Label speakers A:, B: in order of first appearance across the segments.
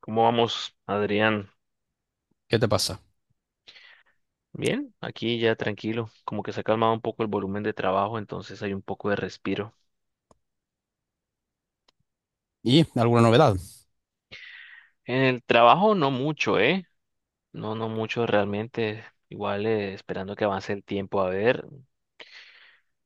A: ¿Cómo vamos, Adrián?
B: ¿Qué te pasa?
A: Bien, aquí ya tranquilo, como que se ha calmado un poco el volumen de trabajo, entonces hay un poco de respiro.
B: ¿Y alguna novedad?
A: En el trabajo no mucho, ¿eh? No, no mucho realmente. Igual esperando que avance el tiempo. A ver,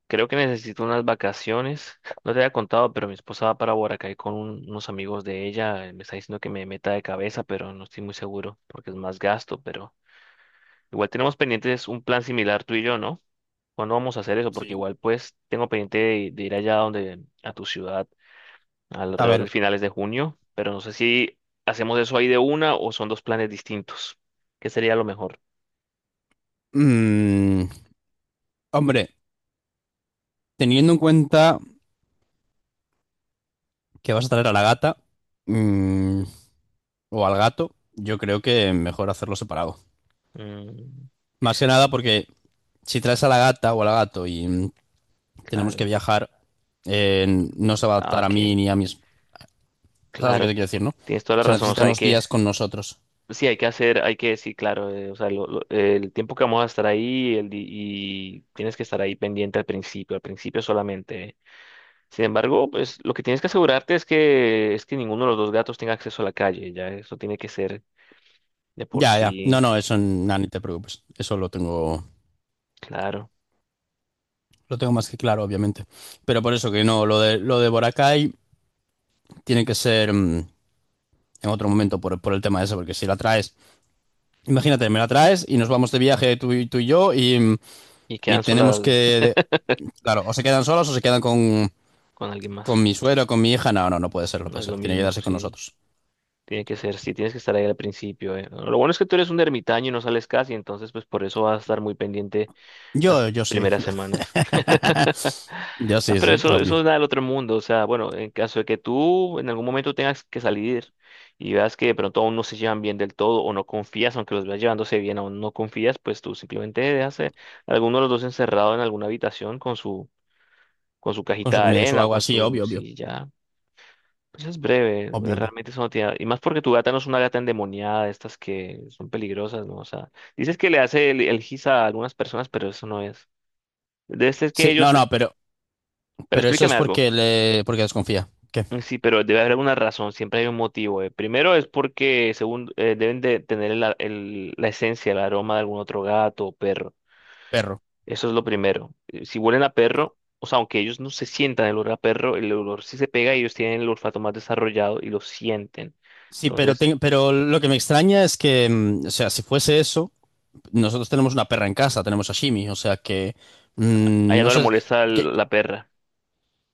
A: creo que necesito unas vacaciones. No te había contado, pero mi esposa va para Boracay con unos amigos de ella. Me está diciendo que me meta de cabeza, pero no estoy muy seguro porque es más gasto, pero igual tenemos pendientes un plan similar tú y yo, ¿no? ¿Cuándo vamos a hacer eso? Porque
B: Sí.
A: igual pues tengo pendiente de ir allá donde, a tu ciudad,
B: A
A: alrededor
B: ver,
A: de finales de junio, pero no sé si hacemos eso ahí de una o son dos planes distintos. ¿Qué sería lo mejor?
B: mm, hombre, teniendo en cuenta que vas a traer a la gata mm, o al gato, yo creo que mejor hacerlo separado.
A: Mm,
B: Más que nada porque si traes a la gata o al gato y tenemos que
A: claro.
B: viajar, eh, no se va a
A: Ah,
B: adaptar a mí
A: ok,
B: ni a mis... ¿Sabes lo que
A: claro,
B: te quiero decir, no?
A: tienes toda la
B: Se
A: razón. O
B: necesitan
A: sea, hay
B: unos
A: que,
B: días con nosotros.
A: sí, hay que hacer, hay que, sí, claro, o sea, el tiempo que vamos a estar ahí el, y tienes que estar ahí pendiente al principio solamente. Sin embargo, pues lo que tienes que asegurarte es que ninguno de los dos gatos tenga acceso a la calle, ya eso tiene que ser de por
B: Ya, ya. No,
A: sí,
B: no, eso nada, ni te preocupes. Eso
A: claro.
B: lo tengo más que claro, obviamente. Pero por eso que no, lo de Boracay tiene que ser en otro momento por el tema ese, porque si la traes, imagínate, me la traes y nos vamos de viaje tú y yo y
A: Y
B: y
A: quedan
B: tenemos
A: solas
B: que, claro, o se quedan solos o se quedan
A: con alguien más.
B: con mi suegro con mi hija, no, no, no puede ser, no
A: No
B: puede
A: es lo
B: ser, tiene que
A: mismo,
B: quedarse con
A: sí.
B: nosotros.
A: Tiene que ser, sí, tienes que estar ahí al principio. Lo bueno es que tú eres un ermitaño y no sales casi, entonces pues por eso vas a estar muy pendiente las
B: Yo, yo sí,
A: primeras
B: yo,
A: semanas.
B: yo
A: No,
B: sí,
A: pero
B: sí,
A: eso
B: obvio.
A: no es nada del otro mundo. O sea, bueno, en caso de que tú en algún momento tengas que salir y veas que de pronto aún no se llevan bien del todo o no confías, aunque los veas llevándose bien, aún no confías, pues tú simplemente dejas a alguno de los dos encerrado en alguna habitación con su
B: Con su
A: cajita de
B: comida y su
A: arena o
B: agua,
A: con
B: sí,
A: su
B: obvio, obvio.
A: silla. Pues es
B: O-
A: breve,
B: Obvio, obvio.
A: realmente eso no tiene. Y más porque tu gata no es una gata endemoniada, de estas que son peligrosas, ¿no? O sea, dices que le hace el gis a algunas personas, pero eso no es. De este es que
B: Sí,
A: ellos.
B: no, no,
A: Pero
B: pero eso
A: explícame
B: es
A: algo.
B: porque porque desconfía. ¿Qué?
A: Mm, sí, pero debe haber alguna razón, siempre hay un motivo. Primero es porque según deben de tener la esencia, el aroma de algún otro gato o perro.
B: Perro.
A: Eso es lo primero. Si huelen a perro, o sea, aunque ellos no se sientan el olor a perro, el olor sí se pega y ellos tienen el olfato más desarrollado y lo sienten.
B: Sí,
A: Entonces,
B: pero lo que me extraña es que, o sea, si fuese eso, nosotros tenemos una perra en casa, tenemos a Shimi, o sea que
A: a ella
B: no
A: no le
B: sé,
A: molesta
B: que,
A: la perra.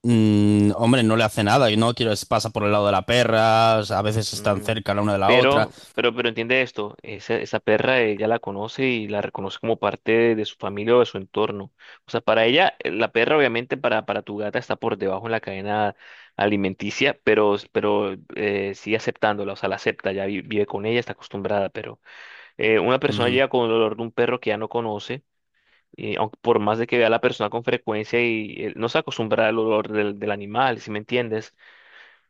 B: hombre, no le hace nada y no quiero es- pasa por el lado de la perra, o sea, a veces están
A: Mm,
B: cerca la una de la otra.
A: pero entiende esto, esa perra ella la conoce y la reconoce como parte de su familia o de su entorno. O sea, para ella, la perra obviamente para tu gata está por debajo en la cadena alimenticia, pero sigue aceptándola, o sea, la acepta, ya vive con ella, está acostumbrada, pero una persona
B: Ujú.
A: llega con el olor de un perro que ya no conoce. Y aunque por más de que vea a la persona con frecuencia y no se acostumbra al olor del animal, ¿si me entiendes?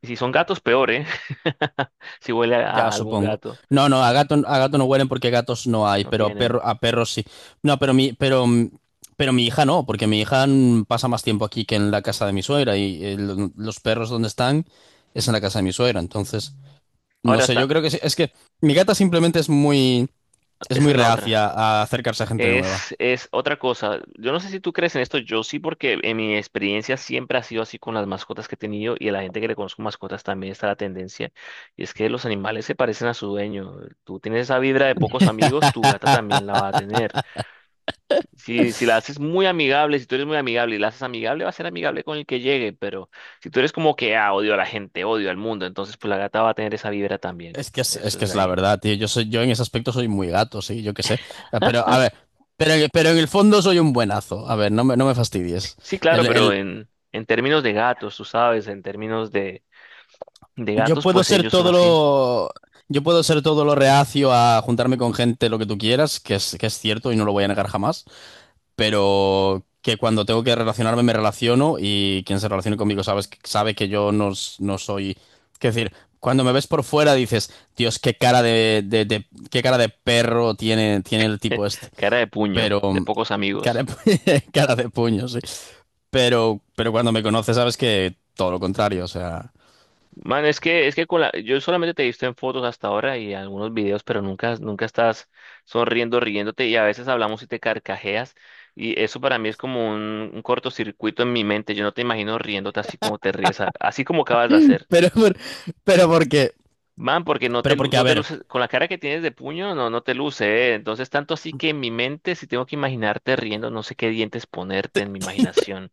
A: Y si son gatos, peor, ¿eh? Si huele
B: Ya
A: a algún
B: supongo.
A: gato.
B: No, no, a gato no huelen porque gatos no hay,
A: No
B: pero a
A: tienen.
B: perro, a perros sí. No, pero mi, pero, mm, pero mi hija no, porque mi hija pasa más tiempo aquí que en la casa de mi suegra y los perros donde están es en la casa de mi suegra, entonces no
A: Ahora,
B: sé, yo creo que sí, es que mi gata simplemente es
A: esa
B: muy
A: es la otra.
B: reacia a acercarse a gente nueva.
A: Es otra cosa. Yo no sé si tú crees en esto, yo sí, porque en mi experiencia siempre ha sido así con las mascotas que he tenido y a la gente que le conozco mascotas también está la tendencia. Y es que los animales se parecen a su dueño. Tú tienes esa vibra de pocos amigos, tu gata también la va a tener. Si, si la haces muy amigable, si tú eres muy amigable y la haces amigable, va a ser amigable con el que llegue, pero si tú eres como que, ah, odio a la gente, odio al mundo, entonces pues la gata va a tener esa vibra también.
B: Es
A: Eso
B: que
A: es de
B: es la
A: ahí.
B: verdad, tío. Yo soy, yo en ese aspecto soy muy gato, sí, yo qué sé. Pero, a ver, pero en el fondo soy un buenazo. A ver, no me, no me fastidies.
A: Sí, claro,
B: El,
A: pero
B: el-
A: en términos de gatos, tú sabes, en términos de
B: yo
A: gatos,
B: puedo
A: pues
B: ser
A: ellos son
B: todo
A: así.
B: lo. Yo puedo ser todo lo reacio a juntarme con gente, lo que tú quieras, que es cierto y no lo voy a negar jamás. Pero que cuando tengo que relacionarme me relaciono y quien se relacione conmigo sabes, sabe que yo no, no soy... Es decir, cuando me ves por fuera dices, Dios, qué cara qué cara de perro tiene, tiene el tipo este.
A: Cara de puño,
B: Pero...
A: de pocos
B: Cara
A: amigos.
B: de, cara de puño, sí. Pero cuando me conoces sabes que todo lo contrario, o sea...
A: Man, es que con la, yo solamente te he visto en fotos hasta ahora y algunos videos, pero nunca, nunca estás sonriendo, riéndote y a veces hablamos y te carcajeas y eso para mí es como un cortocircuito en mi mente. Yo no te imagino riéndote así como te ríes, así como acabas de hacer.
B: Pero, por- pero porque...
A: Man, porque no te,
B: Pero porque, a
A: no te
B: ver...
A: luces, con la cara que tienes de puño, no, no te luce, ¿eh? Entonces, tanto así que en mi mente, si tengo que imaginarte riendo, no sé qué dientes ponerte en mi imaginación.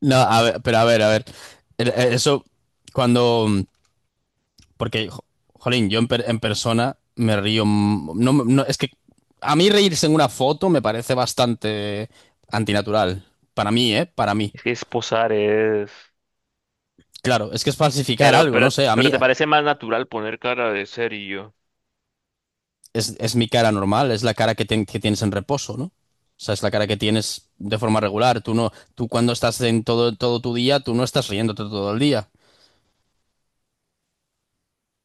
B: No, a ver, pero a ver, a ver. Eso, cuando... Porque, jolín, en persona me río. M- No, me- no, Es que a mí reírse en una foto me parece bastante antinatural. Para mí, ¿eh? Para mí.
A: Es que es posar, es...
B: Claro, es que es falsificar algo, no sé. A
A: Pero
B: mí
A: te parece más natural poner cara de serio.
B: es mi cara normal, es la cara que tienes en reposo, ¿no? O sea, es la cara que tienes de forma regular. Tú no, tú cuando estás en todo tu día, tú no estás riéndote todo el día.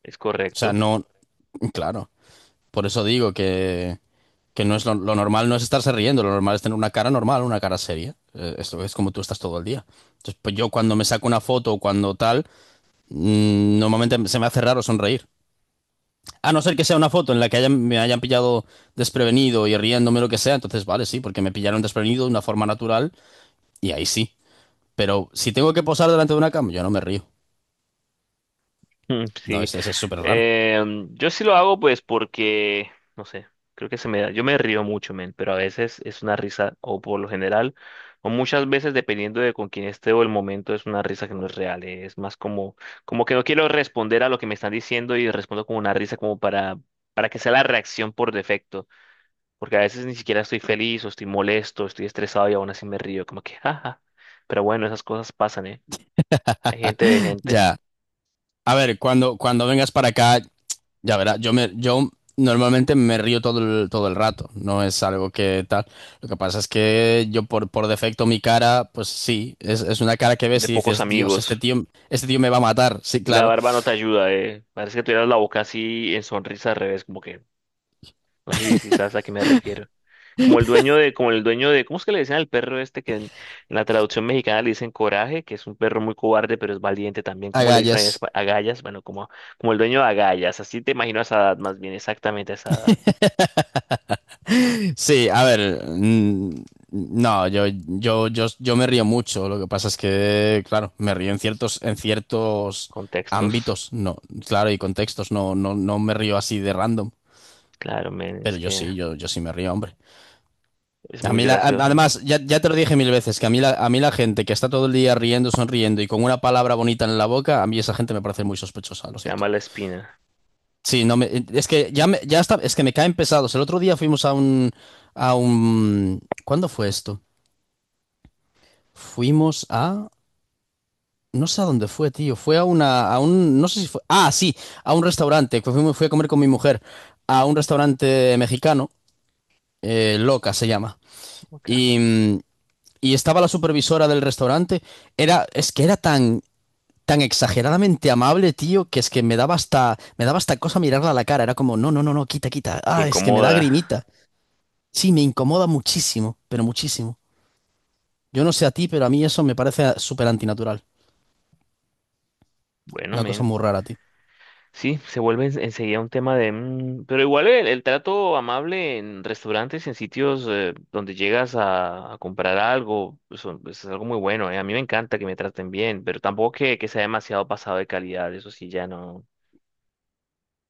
A: Es
B: O sea,
A: correcto.
B: no, claro. Por eso digo que. Que no es lo normal no es estarse riendo, lo normal es tener una cara normal, una cara seria. Esto es como tú estás todo el día. Entonces, pues yo cuando me saco una foto o cuando tal, normalmente se me hace raro sonreír. A no ser que sea una foto en la que me hayan pillado desprevenido y riéndome o lo que sea, entonces vale, sí, porque me pillaron desprevenido de una forma natural y ahí sí. Pero si tengo que posar delante de una cama, yo no me río.
A: Mm,
B: No,
A: sí.
B: ese es súper raro.
A: Yo sí lo hago pues porque, no sé, creo que se me da, yo me río mucho, men, pero a veces es una risa, o por lo general, o muchas veces dependiendo de con quién esté o el momento, es una risa que no es real, es más como, como que no quiero responder a lo que me están diciendo y respondo con una risa como para que sea la reacción por defecto, porque a veces ni siquiera estoy feliz o estoy molesto, estoy estresado y aún así me río, como que, jaja. Pero bueno, esas cosas pasan, ¿eh? Hay gente,
B: Ya. A ver, cuando vengas para acá, ya verás, yo normalmente me río todo todo el rato, no es algo que tal. Lo que pasa es que yo por defecto mi cara, pues sí, es una cara que ves
A: de
B: y
A: pocos
B: dices, Dios,
A: amigos.
B: este tío me va a matar. Sí,
A: Y la
B: claro,
A: barba no te ayuda, eh. Parece que tuvieras la boca así en sonrisa al revés, como que, no sé si, si sabes a qué me refiero. Como el dueño de, como el dueño de, ¿cómo es que le dicen al perro este que en la traducción mexicana le dicen Coraje, que es un perro muy cobarde, pero es valiente también? ¿Cómo le dicen a
B: agallas.
A: Agallas? Bueno, como, como el dueño de Agallas, así te imagino a esa edad, más bien exactamente a esa edad.
B: Sí, a ver, no, yo me río mucho. Lo que pasa es que, claro, me río en en ciertos
A: Contextos,
B: ámbitos, no, claro, y contextos, no, no, no me río así de random.
A: claro, men, es
B: Pero yo
A: que
B: sí, yo sí me río, hombre.
A: es muy gracioso.
B: Además, ya, ya te lo dije mil veces, que a mí, a mí la gente que está todo el día riendo, sonriendo y con una palabra bonita en la boca, a mí esa gente me parece muy sospechosa, lo
A: Te
B: siento.
A: ama la espina.
B: Sí, no me, es que ya, ya está, es que me caen pesados. El otro día fuimos a un, ¿cuándo fue esto? Fuimos a, no sé a dónde fue, tío, fue a una, a un, no sé si fue, ah, sí, a un restaurante, que fui, fui a comer con mi mujer, a un restaurante mexicano, Loca se llama.
A: Ok.
B: Y, y estaba la supervisora del restaurante, era, es que era tan, tan exageradamente amable, tío, que es que me daba hasta cosa mirarla a la cara. Era como, no, no, no, no, quita, quita.
A: Te
B: Ah, es que me da
A: incomoda.
B: grimita. Sí, me incomoda muchísimo, pero muchísimo. Yo no sé a ti, pero a mí eso me parece súper antinatural.
A: Bueno,
B: Una cosa
A: men.
B: muy rara, tío.
A: Sí, se vuelve enseguida un tema de... mm, pero igual el trato amable en restaurantes, en sitios donde llegas a comprar algo, eso, es algo muy bueno, ¿eh? A mí me encanta que me traten bien, pero tampoco que, que sea demasiado pasado de calidad, eso sí, ya no...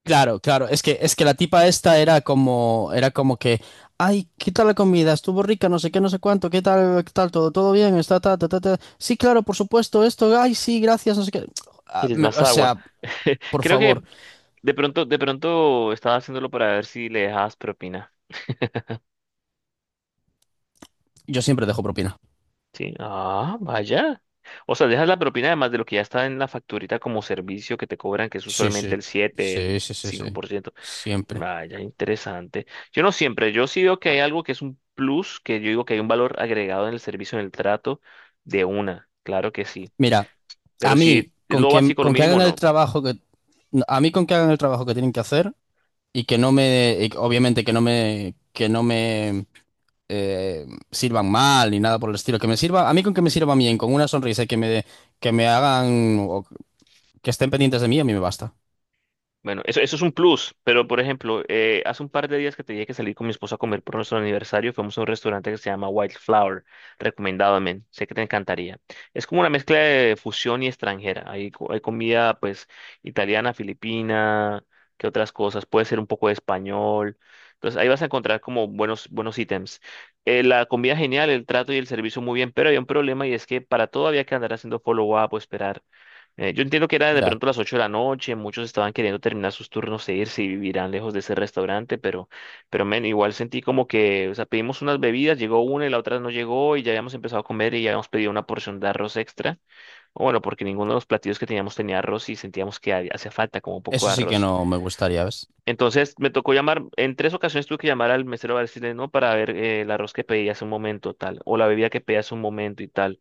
B: Claro, claro, es que la tipa esta era como que, ay, ¿qué tal la comida? Estuvo rica, no sé qué, no sé cuánto, qué tal, todo, todo bien, está, ta, ta, ta, ta. Sí, claro, por supuesto, esto, ay, sí, gracias, no sé qué. Ah,
A: Quieres más
B: o
A: agua.
B: sea, por
A: Creo
B: favor,
A: que de pronto estaba haciéndolo para ver si le dejabas propina.
B: yo siempre dejo propina.
A: Sí, ah, vaya. O sea, dejas la propina además de lo que ya está en la facturita como servicio que te cobran, que es
B: Sí,
A: usualmente
B: sí,
A: el siete, el
B: sí, sí, sí,
A: cinco
B: sí,
A: por ciento.
B: siempre.
A: Vaya, interesante. Yo no siempre, yo sí veo que hay algo que es un plus, que yo digo que hay un valor agregado en el servicio, en el trato, de una, claro que sí.
B: Mira,
A: Pero
B: a
A: si
B: mí,
A: es lo básico, lo
B: con que
A: mínimo,
B: hagan el
A: no.
B: trabajo que, a mí con que hagan el trabajo que tienen que hacer y que no me, y obviamente que no me sirvan mal ni nada por el estilo. Que me sirva, a mí con que me sirvan bien, con una sonrisa y que me hagan o que estén pendientes de mí, a mí me basta.
A: Bueno, eso es un plus, pero por ejemplo, hace un par de días que tenía que salir con mi esposa a comer por nuestro aniversario, fuimos a un restaurante que se llama Wildflower, recomendado, men, sé que te encantaría. Es como una mezcla de fusión y extranjera, hay, hay comida pues italiana, filipina, que otras cosas, puede ser un poco de español, entonces ahí vas a encontrar como buenos, buenos ítems. La comida genial, el trato y el servicio muy bien, pero había un problema y es que para todo había que andar haciendo follow-up o esperar. Yo entiendo que era de
B: Ya.
A: pronto las 8 de la noche, muchos estaban queriendo terminar sus turnos e irse y vivirán lejos de ese restaurante, pero men, igual sentí como que, o sea, pedimos unas bebidas, llegó una y la otra no llegó y ya habíamos empezado a comer y ya habíamos pedido una porción de arroz extra, o bueno, porque ninguno de los platillos que teníamos tenía arroz y sentíamos que hacía falta como un poco
B: Eso
A: de
B: sí que
A: arroz.
B: no me gustaría, ¿ves?
A: Entonces me tocó llamar, en 3 ocasiones tuve que llamar al mesero para decirle no para ver el arroz que pedí hace un momento tal, o la bebida que pedí hace un momento y tal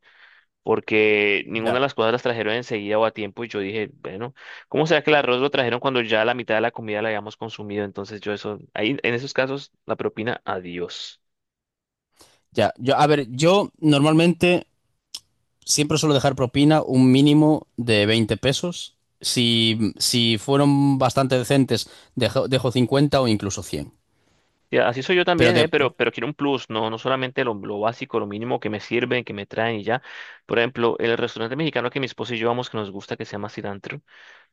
A: porque ninguna
B: Ya.
A: de las cosas las trajeron enseguida o a tiempo y yo dije, bueno, ¿cómo será que el arroz lo trajeron cuando ya la mitad de la comida la habíamos consumido? Entonces yo eso, ahí en esos casos la propina, adiós.
B: Ya. Yo, a ver, yo normalmente siempre suelo dejar propina un mínimo de 20 pesos. Si fueron bastante decentes, dejo, dejo 50 o incluso 100.
A: Y así soy yo
B: Pero
A: también, ¿eh?
B: de...
A: Pero quiero un plus, no, no solamente lo básico, lo mínimo que me sirven, que me traen y ya. Por ejemplo, el restaurante mexicano que mi esposa y yo vamos, que nos gusta, que se llama Cilantro.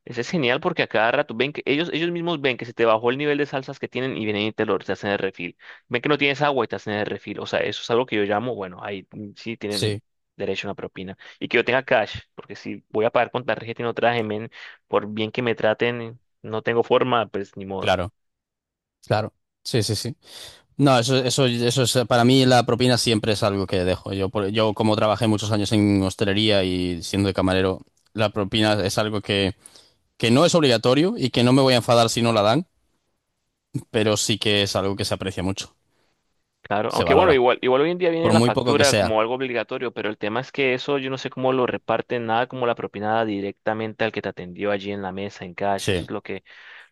A: Ese es genial porque a cada rato ven que ellos mismos ven que se te bajó el nivel de salsas que tienen y vienen y te hacen de refil. Ven que no tienes agua y te hacen de refil. O sea, eso es algo que yo llamo, bueno, ahí mm, sí tienen
B: Sí,
A: derecho a una propina. Y que yo tenga cash, porque si voy a pagar con tarjeta y no traje, men, por bien que me traten, no tengo forma, pues ni modo.
B: claro, claro. Sí, sí, sí. No, eso es, para mí la propina siempre es algo que dejo. Yo, yo como trabajé muchos años en hostelería y siendo de camarero, la propina es algo que no es obligatorio y que no me voy a enfadar si no la dan, pero sí que es algo que se aprecia mucho,
A: Claro,
B: se
A: aunque bueno,
B: valora,
A: igual, igual hoy en día viene
B: por
A: la
B: muy poco que
A: factura
B: sea.
A: como algo obligatorio, pero el tema es que eso yo no sé cómo lo reparten, nada como la propinada directamente al que te atendió allí en la mesa, en cash, eso es
B: Sí,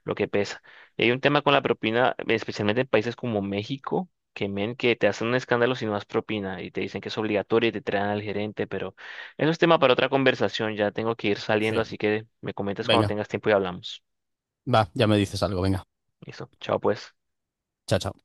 A: lo que pesa. Y hay un tema con la propina, especialmente en países como México, que men, que te hacen un escándalo si no das propina y te dicen que es obligatorio y te traen al gerente, pero eso es tema para otra conversación. Ya tengo que ir saliendo,
B: sí.
A: así que me comentas cuando
B: Venga,
A: tengas tiempo y hablamos.
B: va, ya me dices algo, venga.
A: Listo, chao pues.
B: Chao, chao.